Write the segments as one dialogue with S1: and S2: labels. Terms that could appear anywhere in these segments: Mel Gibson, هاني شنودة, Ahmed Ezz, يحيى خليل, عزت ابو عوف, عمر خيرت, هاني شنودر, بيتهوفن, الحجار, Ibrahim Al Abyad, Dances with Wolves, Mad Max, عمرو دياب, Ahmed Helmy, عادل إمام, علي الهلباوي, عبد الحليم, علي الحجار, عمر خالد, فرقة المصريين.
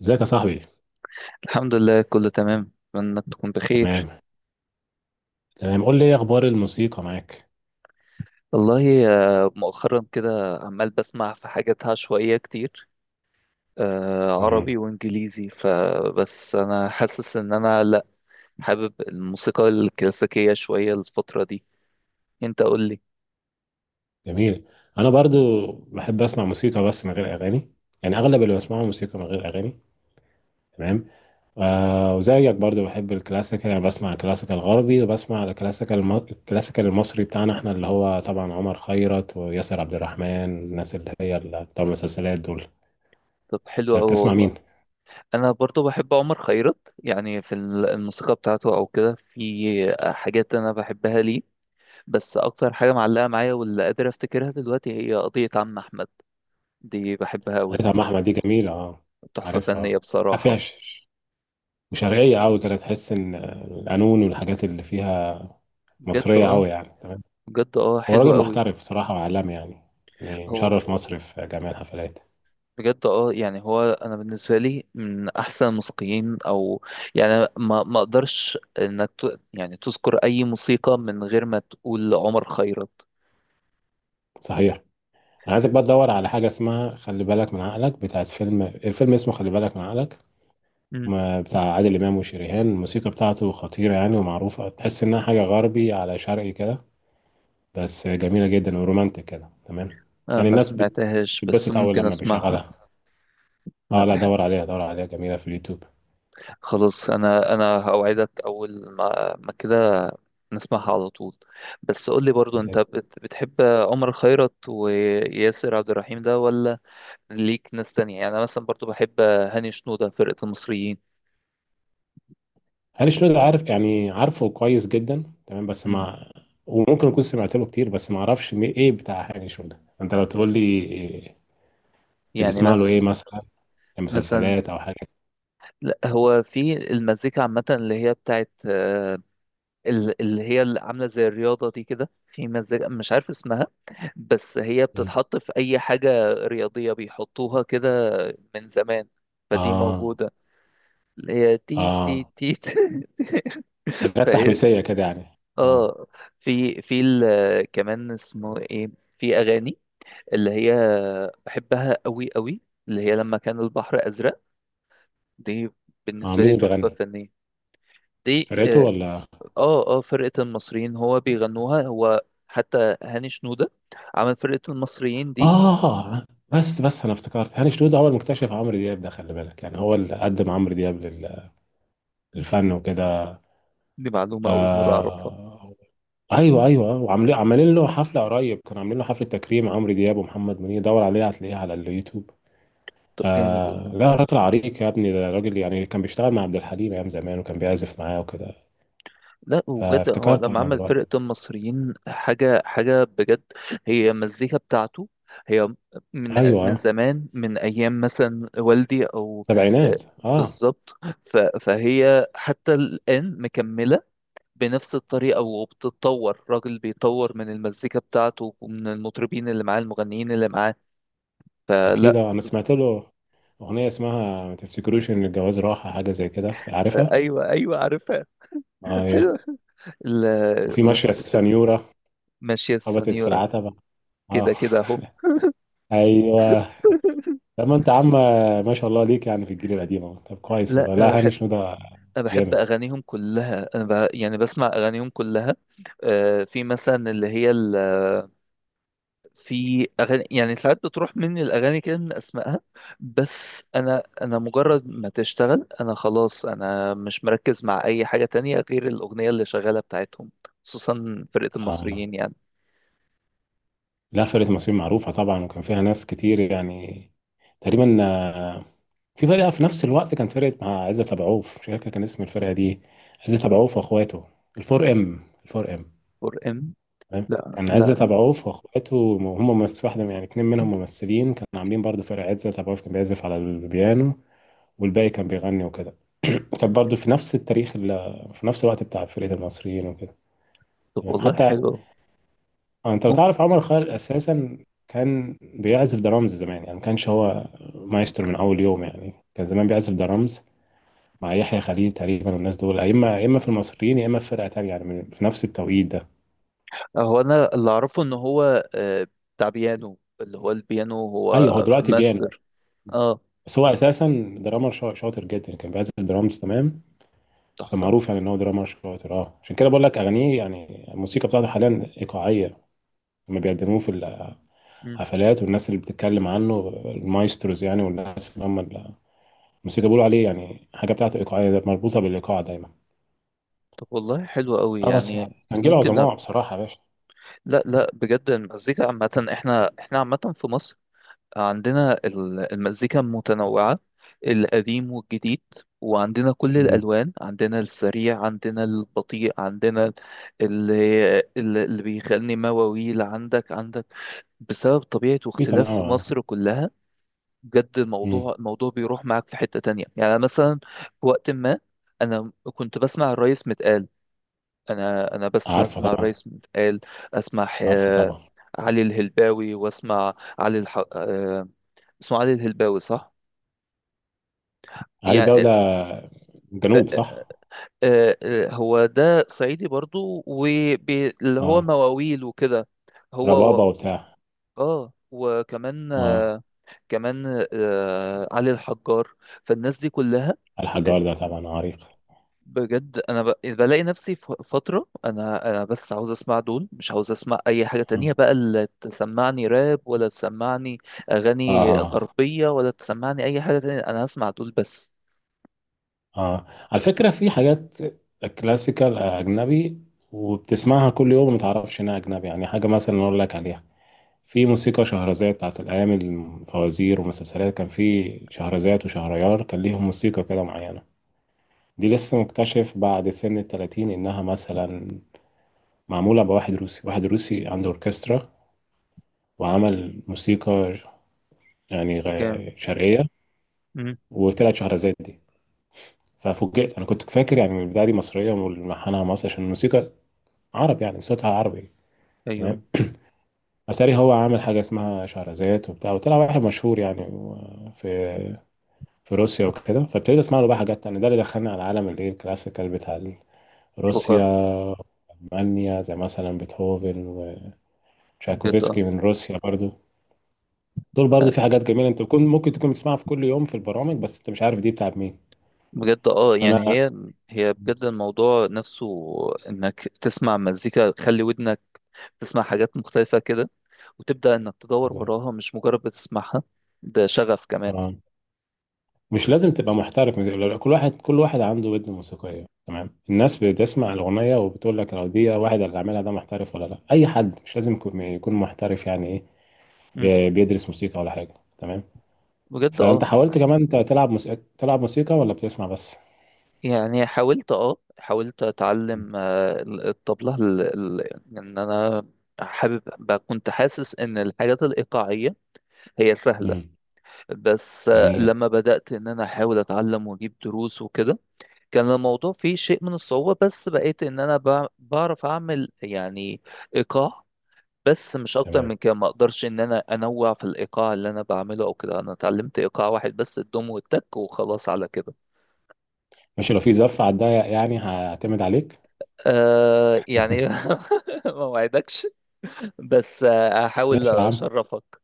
S1: ازيك يا صاحبي؟
S2: الحمد لله كله تمام، اتمنى انك تكون بخير.
S1: تمام، تمام. قول لي ايه اخبار الموسيقى معاك؟
S2: والله، مؤخرا كده عمال بسمع في حاجات عشوائية كتير،
S1: مم.
S2: عربي وانجليزي. فبس انا حاسس ان انا لا، حابب الموسيقى الكلاسيكية شوية الفترة دي. انت قول لي.
S1: جميل. انا برضو بحب اسمع موسيقى بس من غير اغاني، يعني اغلب اللي بسمعه موسيقى من غير اغاني. تمام. وزيك برضو بحب الكلاسيكال، يعني بسمع الكلاسيكال الغربي وبسمع الكلاسيكال المصري بتاعنا احنا، اللي هو طبعا عمر خيرت وياسر عبد الرحمن. الناس اللي هي اللي بتوع المسلسلات دول.
S2: طب حلو
S1: انت
S2: قوي
S1: بتسمع مين؟
S2: والله. انا برضو بحب عمر خيرت، يعني في الموسيقى بتاعته او كده، في حاجات انا بحبها ليه. بس اكتر حاجة معلقة معايا واللي قادر افتكرها دلوقتي هي قضية عم احمد. دي بحبها قوي.
S1: قضيت عم احمد دي جميلة، اه.
S2: تحفة فنية
S1: عارفها.
S2: بصراحة.
S1: فيها وشرقية أوي كده، تحس إن القانون والحاجات اللي فيها
S2: بجد
S1: مصرية
S2: اه.
S1: أوي، يعني تمام.
S2: بجد اه
S1: هو
S2: حلوة
S1: راجل
S2: قوي.
S1: محترف صراحة وعالمي يعني، يعني
S2: هو
S1: مشرف مصر في جميع الحفلات.
S2: بجد اه، يعني هو انا بالنسبة لي من احسن الموسيقيين. او يعني ما اقدرش يعني تذكر اي موسيقى من غير ما تقول عمر خيرت.
S1: صحيح. أنا عايزك بقى تدور على حاجة اسمها خلي بالك من عقلك، بتاعت فيلم، الفيلم اسمه خلي بالك من عقلك.
S2: مم.
S1: بتاع عادل إمام وشريهان. الموسيقى بتاعته خطيرة يعني ومعروفة، تحس إنها حاجة غربي على شرقي كده، بس جميلة جدا ورومانتك كده، تمام.
S2: أنا
S1: يعني
S2: ما سمعتهاش بس
S1: بتتبسط أول
S2: ممكن
S1: لما
S2: اسمعها.
S1: بيشغلها. اه لا،
S2: لا.
S1: دور عليها دور عليها، جميلة في اليوتيوب.
S2: خلاص انا هوعدك اول ما كده نسمعها على طول. بس قول لي برضو انت بتحب عمر خيرت وياسر عبد الرحيم ده، ولا ليك ناس تانية؟ يعني أنا مثلا برضو بحب هاني شنودة فرقة المصريين.
S1: هاني شنودر عارف، يعني عارفه كويس جدا، تمام بس
S2: مم.
S1: ما وممكن اكون سمعت له كتير، بس ما اعرفش ايه بتاع هاني شنودر، انت لو تقول لي إيه
S2: يعني
S1: بتسمع له ايه مثلا؟ إيه؟
S2: مثلا.
S1: مسلسلات او حاجه؟
S2: لا هو في المزيكا عامة، اللي هي بتاعت اللي هي اللي عاملة زي الرياضة دي كده، في مزيكا مش عارف اسمها، بس هي
S1: مم.
S2: بتتحط في أي حاجة رياضية بيحطوها كده من زمان. فدي
S1: اه.
S2: موجودة. اللي هي تي تي
S1: اه
S2: تي.
S1: حاجات
S2: فاهم.
S1: تحميسيه كده يعني، اه.
S2: اه. في كمان اسمه ايه، في أغاني اللي هي بحبها قوي قوي، اللي هي لما كان البحر أزرق. دي
S1: اه،
S2: بالنسبة لي
S1: مين اللي
S2: تحفة
S1: بيغني؟
S2: فنية. دي
S1: فرقته
S2: اه.
S1: ولا؟
S2: اه، فرقة المصريين هو بيغنوها هو. حتى هاني شنودة عمل فرقة المصريين دي.
S1: اه. بس انا افتكرت هاني شنودر هو المكتشف عمرو دياب، ده خلي بالك، يعني هو اللي قدم عمرو دياب
S2: دي
S1: للفن وكده.
S2: دي معلومة أول مرة أعرفها.
S1: آه، ايوه، ايوه، وعاملين له حفله قريب، كانوا عاملين له حفله تكريم عمرو دياب ومحمد منير، دور عليه هتلاقيه على اليوتيوب.
S2: طب جامد
S1: آه
S2: والله.
S1: لا، راجل عريق يا ابني، ده راجل يعني كان بيشتغل مع عبد الحليم ايام زمان، وكان بيعزف معاه وكده،
S2: لا وبجد، هو
S1: فافتكرته
S2: لما
S1: انا
S2: عمل
S1: دلوقتي.
S2: فرقة المصريين حاجة حاجة بجد. هي المزيكا بتاعته هي، من
S1: ايوه،
S2: من زمان، من أيام مثلا والدي أو آه،
S1: سبعينات، اه.
S2: بالظبط. فهي حتى الآن مكملة بنفس الطريقة وبتتطور. راجل بيطور من المزيكا بتاعته ومن المطربين اللي معاه، المغنيين اللي معاه.
S1: اكيد،
S2: فلا.
S1: انا سمعت له اغنيه اسمها ما تفتكروش ان الجواز راحه، حاجه زي كده، عارفها.
S2: أيوه، أيوه، عارفها.
S1: ايوه.
S2: حلوة.
S1: وفي ماشيه
S2: لما تفتكر
S1: السنيوره،
S2: ماشية
S1: خبطت في
S2: السنيورة.
S1: العتبه. اه
S2: كده كده أهو.
S1: ايوه. لما انت عم ما شاء الله ليك، يعني في الجيل القديم اهو. طب كويس
S2: لا،
S1: والله،
S2: انا
S1: لا هاني
S2: بحب
S1: شنو ده
S2: انا بحب
S1: جامد،
S2: اغانيهم كلها، انا يعني بسمع اغانيهم كلها. آه في مثلا اللي هي في اغاني، يعني ساعات بتروح مني الاغاني كده من اسمائها. بس انا مجرد ما تشتغل، انا خلاص، انا مش مركز مع اي حاجة تانية غير الاغنية اللي شغالة بتاعتهم، خصوصا فرقة
S1: اه.
S2: المصريين يعني.
S1: لا فرقه مصريين معروفه طبعا، وكان فيها ناس كتير يعني، تقريبا، في فرقه في نفس الوقت، كان فرقه مع عزت ابو عوف، مش فاكر كان اسم الفرقه دي. عزت ابو عوف واخواته، الفور ام، الفور ام.
S2: فور ام.
S1: تمام.
S2: لا،
S1: كان عزت
S2: لا.
S1: ابو عوف واخواته هم ممثل واحده يعني اتنين منهم ممثلين، كانوا عاملين برضو فرقه، عزت ابو عوف كان بيعزف على البيانو والباقي كان بيغني وكده. كانت برضو في نفس التاريخ في نفس الوقت بتاع فرقة المصريين وكده.
S2: طب
S1: تمام
S2: والله
S1: حتى،
S2: حلو.
S1: انت لو تعرف عمر خالد اساسا، كان بيعزف درامز زمان، يعني ما كانش هو مايسترو من اول يوم، يعني كان زمان بيعزف درامز مع يحيى خليل تقريبا، والناس دول يا اما يا اما في المصريين يا اما في فرقة تانية، يعني في نفس التوقيت ده.
S2: هو انا اللي اعرفه ان هو بتاع بيانو، اللي هو البيانو،
S1: ايوه، هو
S2: هو
S1: دلوقتي بيانو،
S2: ماستر. اه
S1: بس هو اساسا درامر شاطر جدا، كان بيعزف درامز، تمام. وكان
S2: تحفة.
S1: معروف يعني ان هو درامر شاطر، اه عشان كده بقول لك اغانيه، يعني الموسيقى بتاعته حاليا ايقاعية، لما بيقدموه في
S2: مم.
S1: حفلات، والناس اللي بتتكلم عنه المايستروز، يعني والناس اللي هم الموسيقى، بيقولوا عليه يعني حاجة بتاعته إيقاعية، ده مربوطة بالإيقاع دايما.
S2: طب والله حلو قوي
S1: اه بس،
S2: يعني.
S1: كان جيل
S2: ممكن
S1: عظماء بصراحة يا باشا.
S2: لا لا، بجد المزيكا عامة، احنا عامة في مصر عندنا المزيكا متنوعة، القديم والجديد، وعندنا كل
S1: مم.
S2: الألوان، عندنا السريع، عندنا البطيء، عندنا اللي اللي بيخلني مواويل، عندك بسبب طبيعة
S1: في
S2: واختلاف
S1: تنوع،
S2: في
S1: آه.
S2: مصر كلها. بجد
S1: مم.
S2: الموضوع بيروح معاك في حتة تانية، يعني مثلا في وقت ما أنا كنت بسمع الريس متقال. انا بس
S1: عارفة
S2: اسمع
S1: طبعا.
S2: الرئيس متقال، اسمع
S1: عارفة طبعا.
S2: علي الهلباوي، واسمع علي الح... آه، اسمه علي الهلباوي صح؟
S1: علي بقى ده
S2: يعني آه،
S1: جنوب صح؟
S2: هو ده صعيدي برضو، واللي هو
S1: اه،
S2: مواويل وكده. هو
S1: ربابة
S2: و...
S1: وبتاع.
S2: اه وكمان
S1: اه،
S2: كمان علي الحجار. فالناس دي كلها،
S1: الحجار ده طبعا عريق.
S2: بجد انا بلاقي نفسي في فتره، انا بس عاوز اسمع دول، مش عاوز اسمع اي حاجه تانية
S1: اه،
S2: بقى، اللي تسمعني راب ولا تسمعني اغاني
S1: اه،
S2: غربيه ولا تسمعني اي حاجه تانية، انا هسمع دول بس.
S1: اه. على فكرة في حاجات كلاسيكال أجنبي، وبتسمعها كل يوم ما تعرفش إنها أجنبي، يعني حاجة مثلا أقول لك عليها. في موسيقى شهرزاد بتاعت الأيام الفوازير، ومسلسلات كان في شهرزاد وشهريار، كان ليهم موسيقى كده معينة. دي لسه مكتشف بعد سن التلاتين إنها مثلا معمولة بواحد روسي، واحد روسي عنده أوركسترا، وعمل موسيقى يعني
S2: جامد.
S1: شرقية،
S2: مم.
S1: وطلعت شهرزاد دي. ففوجئت، أنا كنت فاكر يعني من البداية دي مصرية وملحنها مصري، عشان الموسيقى عربي يعني صوتها عربي، تمام.
S2: ايوه
S1: اتاري هو عامل حاجه اسمها شهرزاد وبتاع، وطلع واحد مشهور يعني في روسيا وكده، فابتديت اسمع له بقى حاجات تانية، ده اللي دخلني على عالم الايه الكلاسيكال بتاع
S2: بقر.
S1: روسيا، المانيا، زي مثلا بيتهوفن
S2: بجد
S1: وتشايكوفسكي
S2: اه.
S1: من روسيا برضو. دول برضو
S2: لا،
S1: في حاجات جميله، انت بتكون ممكن تكون بتسمعها في كل يوم في البرامج، بس انت مش عارف دي بتاعت مين.
S2: بجد اه،
S1: فانا
S2: يعني هي، بجد الموضوع نفسه، انك تسمع مزيكا، خلي ودنك تسمع حاجات مختلفه كده، وتبدا انك تدور
S1: بالظبط.
S2: وراها مش مجرد بتسمعها. ده شغف كمان.
S1: اه مش لازم تبقى محترف كل واحد كل واحد عنده ودن موسيقيه، تمام. الناس بتسمع الاغنيه وبتقول لك لو دي واحد اللي عاملها ده محترف ولا لا، اي حد مش لازم يكون محترف، يعني ايه،
S2: مم.
S1: بيدرس موسيقى ولا حاجه، تمام.
S2: بجد
S1: فانت
S2: اه،
S1: حاولت كمان تلعب موسيقى، تلعب موسيقى ولا بتسمع بس؟
S2: يعني حاولت اه، حاولت
S1: مم.
S2: اتعلم الطبلة. ان انا حابب كنت حاسس ان الحاجات الايقاعية هي سهلة.
S1: امم.
S2: بس
S1: جميل.
S2: لما بدأت ان انا احاول اتعلم واجيب دروس وكده، كان الموضوع فيه شيء من الصعوبة. بس بقيت ان انا بعرف اعمل، يعني، ايقاع. بس مش اكتر
S1: تمام
S2: من كده، ما اقدرش ان انا انوع في الايقاع اللي انا بعمله او كده. انا اتعلمت ايقاع واحد بس، الدوم والتك وخلاص على كده.
S1: ماشي، لو في زف على الضيق يعني هعتمد عليك.
S2: آه يعني. ما وعدكش. بس هحاول
S1: ماشي يا عم،
S2: اشرفك.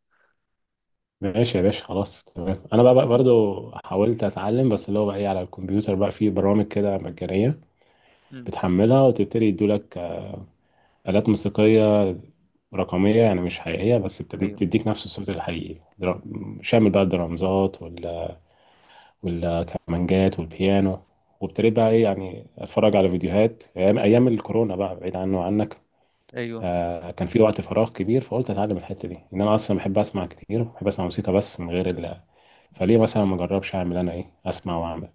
S1: ماشي يا باشا، خلاص تمام. انا بقى برضو حاولت اتعلم، بس اللي هو بقى ايه، على الكمبيوتر بقى في برامج كده مجانيه،
S2: مم.
S1: بتحملها وتبتدي يدولك آلات موسيقيه رقميه، يعني مش حقيقيه بس
S2: ايوه،
S1: بتديك نفس الصوت الحقيقي، شامل بقى الدرامزات والكمانجات والبيانو. وابتديت بقى ايه يعني اتفرج على فيديوهات ايام ايام الكورونا، بقى بعيد عنه وعنك،
S2: ايوه.
S1: كان في وقت فراغ كبير، فقلت اتعلم الحته دي، ان انا اصلا بحب اسمع كتير، بحب اسمع موسيقى بس من غير ال، فليه مثلا ما اجربش اعمل انا ايه، اسمع واعمل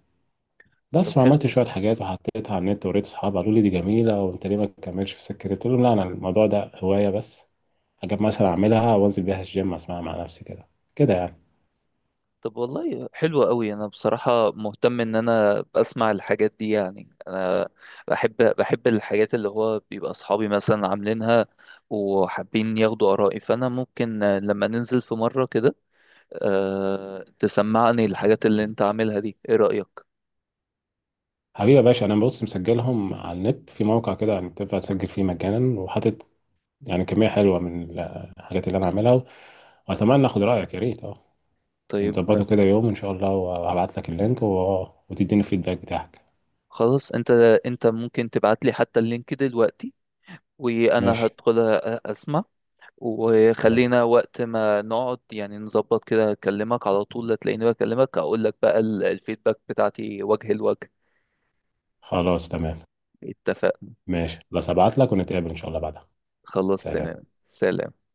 S2: طب
S1: بس. وعملت
S2: حلو.
S1: شويه حاجات وحطيتها على النت ووريت اصحابي، قالوا لي دي جميله وانت ليه ما تكملش في السكه دي؟ قلت لهم لا، انا الموضوع ده هوايه بس، حاجات مثلا اعملها وانزل بيها الجيم اسمعها مع نفسي كده، كده يعني.
S2: طب والله حلو قوي، انا بصراحة مهتم ان انا اسمع الحاجات دي، يعني انا بحب الحاجات اللي هو بيبقى اصحابي مثلا عاملينها وحابين ياخدوا ارائي. فانا ممكن لما ننزل في مرة كده، أه تسمعني الحاجات اللي انت عاملها دي، ايه رأيك؟
S1: حبيبي يا باشا، انا بص مسجلهم على النت في موقع كده، يعني تنفع تسجل فيه مجانا، وحاطط يعني كميه حلوه من الحاجات اللي انا عاملها، واتمنى اخد رايك، يا ريت اه
S2: طيب ما
S1: نظبطه
S2: في-
S1: كده يوم ان شاء الله، وهبعت لك اللينك و... آه، وتديني الفيدباك بتاعك.
S2: خلاص انت، ممكن تبعت لي حتى اللينك دلوقتي وانا
S1: ماشي
S2: هدخل اسمع.
S1: خلاص،
S2: وخلينا وقت ما نقعد يعني نظبط كده، اكلمك على طول لا تلاقيني بكلمك، اقول لك بقى الفيدباك بتاعتي وجه لوجه.
S1: خلاص تمام.
S2: اتفقنا.
S1: ماشي خلاص، هبعت لك ونتقابل ان شاء الله بعدها.
S2: خلاص
S1: سلام.
S2: تمام. سلام.